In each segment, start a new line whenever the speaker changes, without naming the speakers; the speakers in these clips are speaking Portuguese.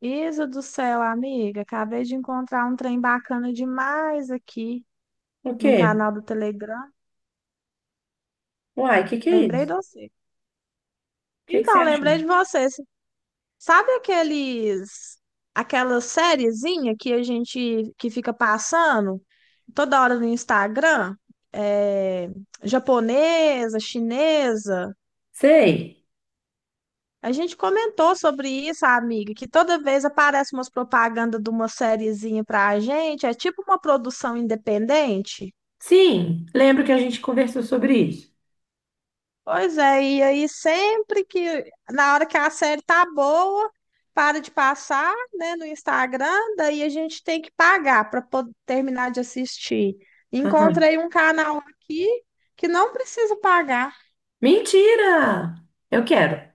Isa do céu, amiga, acabei de encontrar um trem bacana demais aqui
O
no
quê?
canal do Telegram.
Uai, o que que é
Lembrei de
isso?
você.
O que que você
Então, lembrei
achou?
de você. Sabe aqueles aquela sériezinha que a gente que fica passando toda hora no Instagram? É, japonesa, chinesa.
Sei.
A gente comentou sobre isso, amiga, que toda vez aparece umas propagandas de uma sériezinha pra gente, é tipo uma produção independente.
Sim, lembro que a gente conversou sobre isso.
Pois é, e aí sempre que, na hora que a série tá boa, para de passar, né, no Instagram, daí a gente tem que pagar para poder terminar de assistir.
Aham.
Encontrei um canal aqui que não precisa pagar.
Mentira! Eu quero.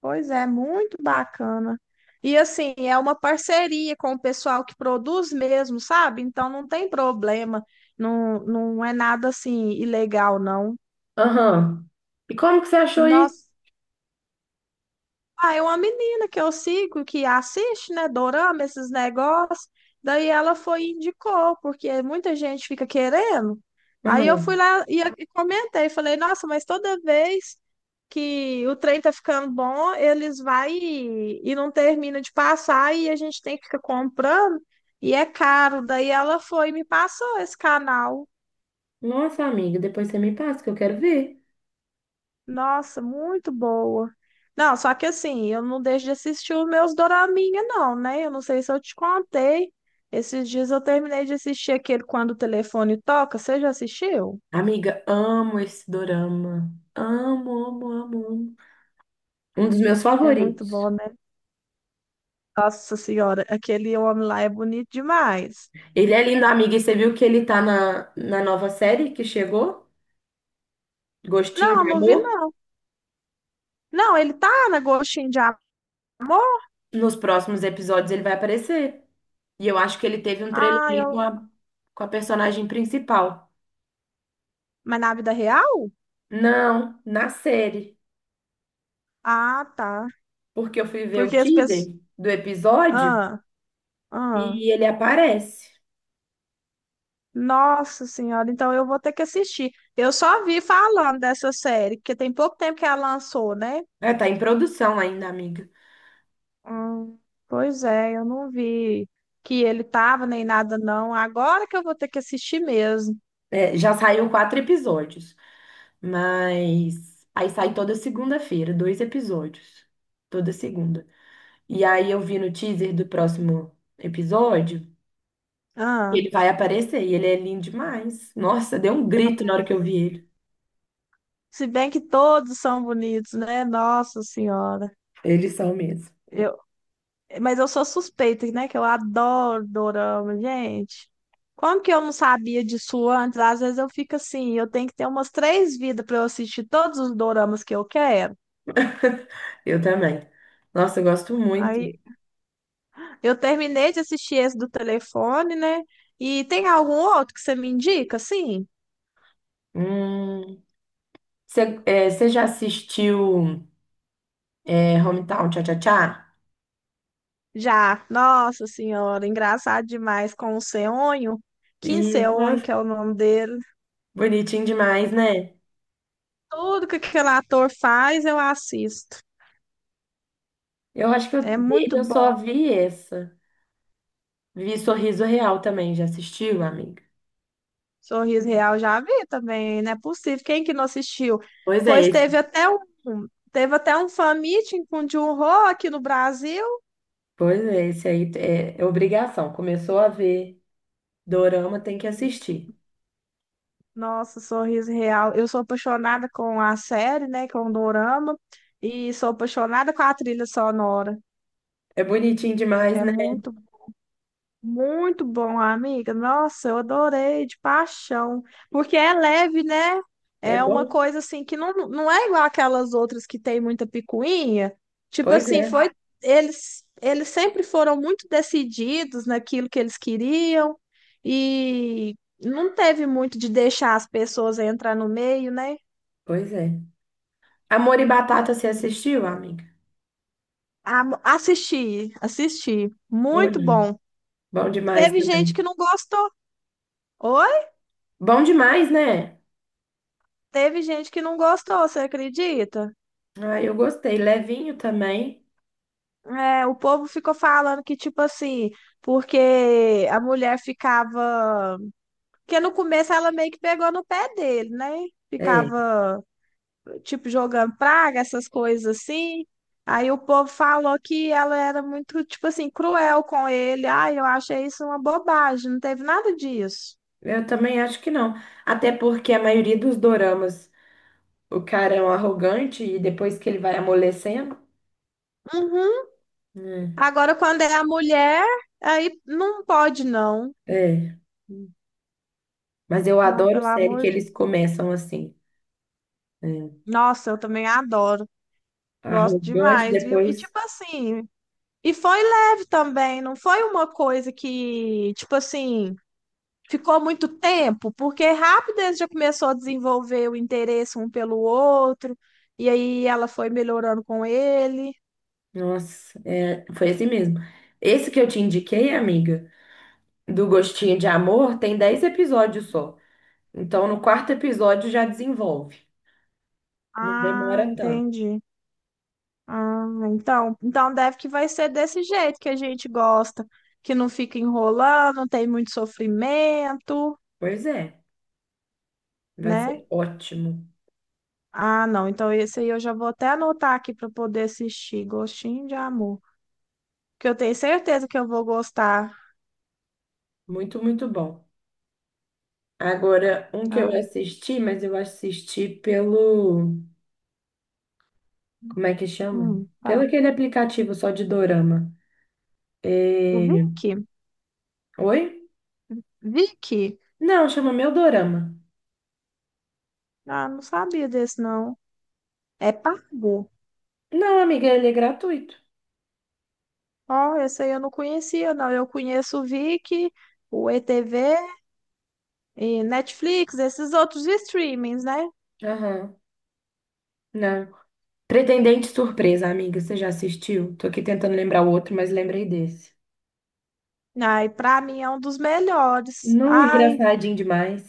Pois é, muito bacana. E assim, é uma parceria com o pessoal que produz mesmo, sabe? Então não tem problema, não, não é nada assim ilegal, não.
Aham. E como que você achou isso?
Nossa. Ah, é uma menina que eu sigo, que assiste, né, dorama, esses negócios. Daí ela foi e indicou, porque muita gente fica querendo. Aí eu fui
Aham.
lá e comentei, falei, nossa, mas toda vez que o trem tá ficando bom, eles vai e não termina de passar e a gente tem que ficar comprando e é caro. Daí ela foi e me passou esse canal.
Nossa, amiga, depois você me passa que eu quero ver.
Nossa, muito boa. Não, só que assim, eu não deixo de assistir os meus doraminha, não, né? Eu não sei se eu te contei. Esses dias eu terminei de assistir aquele Quando o Telefone Toca. Você já assistiu?
Amiga, amo esse dorama. Amo, amo, amo, amo. Um dos meus
É muito
favoritos.
bom, né? Nossa Senhora, aquele homem lá é bonito demais.
Ele é lindo, amiga, e você viu que ele tá na nova série que chegou? Gostinho
Não,
de
não vi,
Amor?
não. Não, ele tá na Gostinho de Amor?
Nos próximos episódios ele vai aparecer. E eu acho que ele teve um
Ah,
trelelê com
eu...
a, com a personagem principal.
Mas na vida real?
Não, na série.
Ah, tá.
Porque eu fui ver o
Porque as
teaser
pessoas...
do episódio
Ah, ah.
e ele aparece.
Nossa Senhora, então eu vou ter que assistir. Eu só vi falando dessa série, porque tem pouco tempo que ela lançou, né?
É, tá em produção ainda, amiga.
Hum, Pois é, eu não vi que ele tava nem nada, não. Agora que eu vou ter que assistir mesmo.
É, já saiu 4 episódios, mas aí sai toda segunda-feira, 2 episódios. Toda segunda. E aí eu vi no teaser do próximo episódio que
Ah,
ele vai aparecer e ele é lindo demais. Nossa, deu um grito na hora que eu vi ele.
se bem que todos são bonitos, né? Nossa Senhora.
Eles são mesmo.
Eu, mas eu sou suspeita, né? Que eu adoro dorama, gente. Como que eu não sabia disso antes? Às vezes eu fico assim, eu tenho que ter umas três vidas para eu assistir todos os doramas que eu quero.
Eu também. Nossa, eu gosto muito.
Aí eu terminei de assistir esse do telefone, né? E tem algum outro que você me indica, assim?
Hum, você já assistiu, é, Hometown Cha-Cha-Cha?
Já, Nossa Senhora, engraçado demais com o Seonho, Kim
E,
Seonho,
nossa,
que é o nome dele.
bonitinho demais, né?
Tudo que aquele ator faz, eu assisto.
Eu acho que eu,
É
dele
muito
eu só
bom.
vi essa. Vi Sorriso Real também, já assistiu, amiga?
Sorriso Real já vi também, não é possível. Quem que não assistiu?
Pois é,
Pois teve
esse.
até um, teve até um fan meeting com o Jun-ho aqui no Brasil.
Pois é, esse aí é obrigação. Começou a ver dorama, tem que assistir.
Nossa, Sorriso Real. Eu sou apaixonada com a série, né? Com o Dorama. E sou apaixonada com a trilha sonora.
É bonitinho demais,
É
né?
muito, muito bom, amiga. Nossa, eu adorei, de paixão. Porque é leve, né?
É
É uma
bom?
coisa assim que não é igual aquelas outras que tem muita picuinha. Tipo
Pois
assim,
é,
foi. Eles sempre foram muito decididos naquilo que eles queriam. E não teve muito de deixar as pessoas entrar no meio, né?
pois é. Amor e Batata, você assistiu, amiga?
Ah, assisti, assisti.
Bom,
Muito
demais.
bom.
Bom demais
Teve gente
também.
que não gostou. Oi?
Bom demais, né?
Teve gente que não gostou, você acredita?
Ah, eu gostei. Levinho também.
É, o povo ficou falando que, tipo assim, porque a mulher ficava. Porque no começo ela meio que pegou no pé dele, né?
É,
Ficava, tipo, jogando praga, essas coisas assim. Aí o povo falou que ela era muito, tipo assim, cruel com ele. Ai, eu achei isso uma bobagem, não teve nada disso.
eu também acho que não. Até porque a maioria dos doramas, o cara é um arrogante e depois que ele vai amolecendo.
Uhum.
Né?
Agora, quando é a mulher, aí não pode, não.
É. Mas eu
Não,
adoro
pelo
série que
amor de
eles
Deus.
começam assim. É,
Nossa, eu também adoro. Gosto
arrogante,
demais, viu? E
depois.
tipo assim, e foi leve também, não foi uma coisa que, tipo assim, ficou muito tempo, porque rápido eles já começou a desenvolver o interesse um pelo outro, e aí ela foi melhorando com ele.
Nossa, é, foi assim mesmo. Esse que eu te indiquei, amiga, do Gostinho de Amor, tem 10 episódios só. Então, no quarto episódio já desenvolve. Não
Ah,
demora tanto.
entendi. Ah, então deve que vai ser desse jeito que a gente gosta, que não fica enrolando, não tem muito sofrimento,
Pois é. Vai
né?
ser ótimo.
Ah, não, então esse aí eu já vou até anotar aqui para poder assistir, Gostinho de Amor, que eu tenho certeza que eu vou gostar.
Muito, muito bom. Agora, um que eu
Ah,
assisti, mas eu assisti pelo. Como é que chama? Pelo
tá.
aquele aplicativo só de dorama.
O
É,
Vicky,
oi?
Vicky,
Não, chama Meu Dorama.
ah, não sabia desse não. É pago.
Não, amiga, ele é gratuito.
Ó, esse aí eu não conhecia, não. Eu conheço o Vicky, o ETV e Netflix, esses outros streamings, né?
Aham. Não. Pretendente Surpresa, amiga, você já assistiu? Tô aqui tentando lembrar o outro, mas lembrei desse.
Ai, pra mim é um dos melhores.
Não,
Ai,
engraçadinho demais.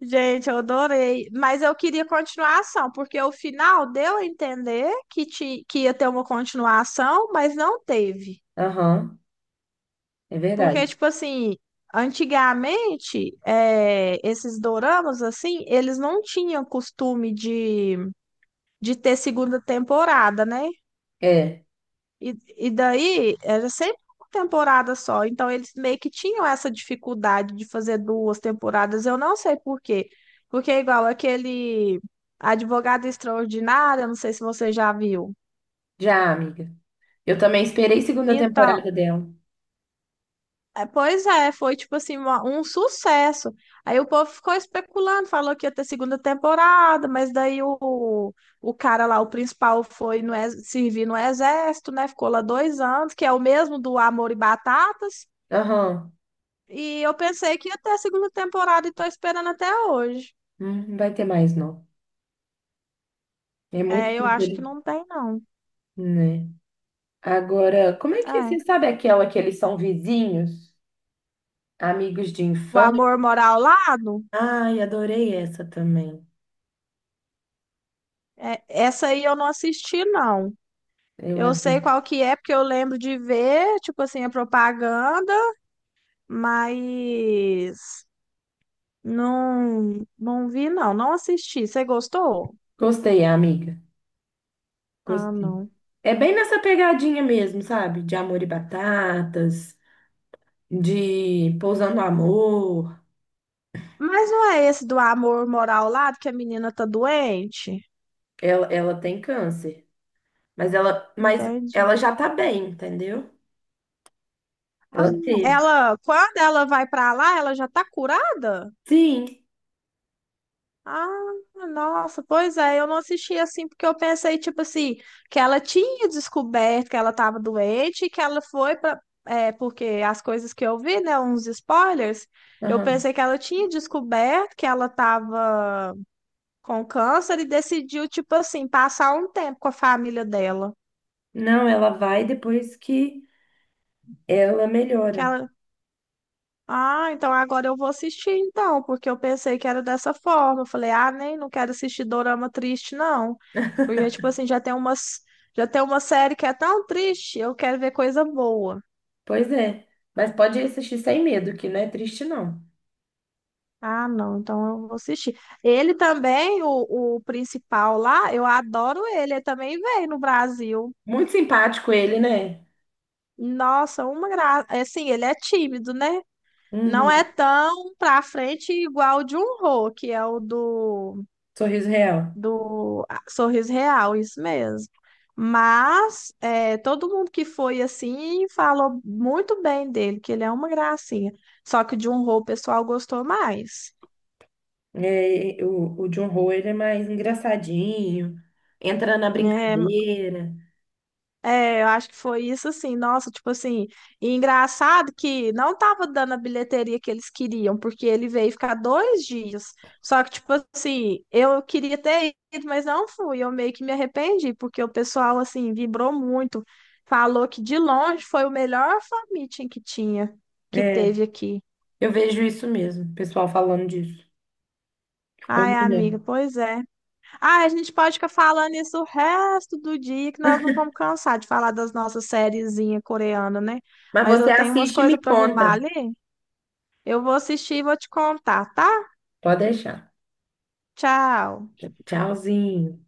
gente, eu adorei. Mas eu queria continuação, porque o final deu a entender que, que ia ter uma continuação, mas não teve.
Aham, é
Porque,
verdade.
tipo assim, antigamente, é, esses doramas, assim, eles não tinham costume de, ter segunda temporada, né?
É,
E daí era sempre uma temporada só, então eles meio que tinham essa dificuldade de fazer duas temporadas, eu não sei por quê. Porque é igual aquele Advogada Extraordinária, não sei se você já viu.
já, amiga. Eu também esperei segunda
Então,
temporada dela.
é, pois é, foi tipo assim, um sucesso. Aí o povo ficou especulando, falou que ia ter segunda temporada, mas daí o cara lá, o principal, foi servir no exército, né? Ficou lá 2 anos, que é o mesmo do Amor e Batatas.
Aham,
E eu pensei que ia ter a segunda temporada e tô esperando até hoje.
não vai ter mais, não. É muito
É,
que
eu acho que
interessante,
não tem, não.
né? Agora, como é que
É.
você sabe aquela que eles são vizinhos, amigos de
O
infância?
Amor Mora ao Lado,
Ai, adorei essa também.
é, essa aí eu não assisti, não.
Eu
Eu sei
adorei.
qual que é, porque eu lembro de ver, tipo assim, a propaganda, mas não vi, não. Não assisti. Você gostou?
Gostei, amiga.
Ah,
Gostei.
não.
É bem nessa pegadinha mesmo, sabe? De Amor e Batatas, de Pousando Amor.
Mas não é esse do Amor Mora ao Lado que a menina tá doente?
Ela tem câncer, mas ela, mas
Entendi.
ela já tá bem, entendeu?
Ah,
Ela teve.
Quando ela vai pra lá, ela já tá curada?
Sim.
Ah, nossa, pois é, eu não assisti assim porque eu pensei, tipo assim, que ela tinha descoberto que ela tava doente e que ela foi pra. É, porque as coisas que eu vi, né, uns spoilers, eu
Aham.
pensei que ela tinha descoberto que ela tava com câncer e decidiu, tipo assim, passar um tempo com a família dela.
Não, ela vai depois que ela
que
melhora.
ela, Ah, então agora eu vou assistir então, porque eu pensei que era dessa forma. Eu falei, ah, nem, não quero assistir dorama triste, não. Porque, tipo assim, já tem uma série que é tão triste, eu quero ver coisa boa.
Pois é. Mas pode assistir sem medo, que não é triste, não.
Ah, não, então eu vou assistir. Ele também, o, principal lá, eu adoro ele também veio no Brasil.
Muito simpático ele, né?
Nossa, uma graça. Assim, ele é tímido, né? Não é
Uhum.
tão pra frente igual o Jun-ho, que é o do
Sorriso Real.
do ah, Sorriso Real, isso mesmo. Mas é, todo mundo que foi assim falou muito bem dele, que ele é uma gracinha. Só que de um rol o pessoal gostou mais,
É, o John Ho, ele é mais engraçadinho, entra na
né?
brincadeira.
É, eu acho que foi isso assim, nossa, tipo assim, e engraçado que não tava dando a bilheteria que eles queriam, porque ele veio ficar 2 dias. Só que, tipo assim, eu queria ter ido, mas não fui. Eu meio que me arrependi, porque o pessoal, assim, vibrou muito. Falou que de longe foi o melhor fan meeting que tinha, que
É,
teve aqui.
eu vejo isso mesmo, o pessoal falando disso. Eu
Ai,
me
amiga,
lembro.
pois é. Ah, a gente pode ficar falando isso o resto do dia, que nós não vamos cansar de falar das nossas sériezinhas coreanas, né?
Mas
Mas
você
eu tenho umas
assiste e me
coisas para arrumar
conta.
ali. Eu vou assistir e vou te contar, tá?
Pode deixar.
Tchau.
Tchauzinho.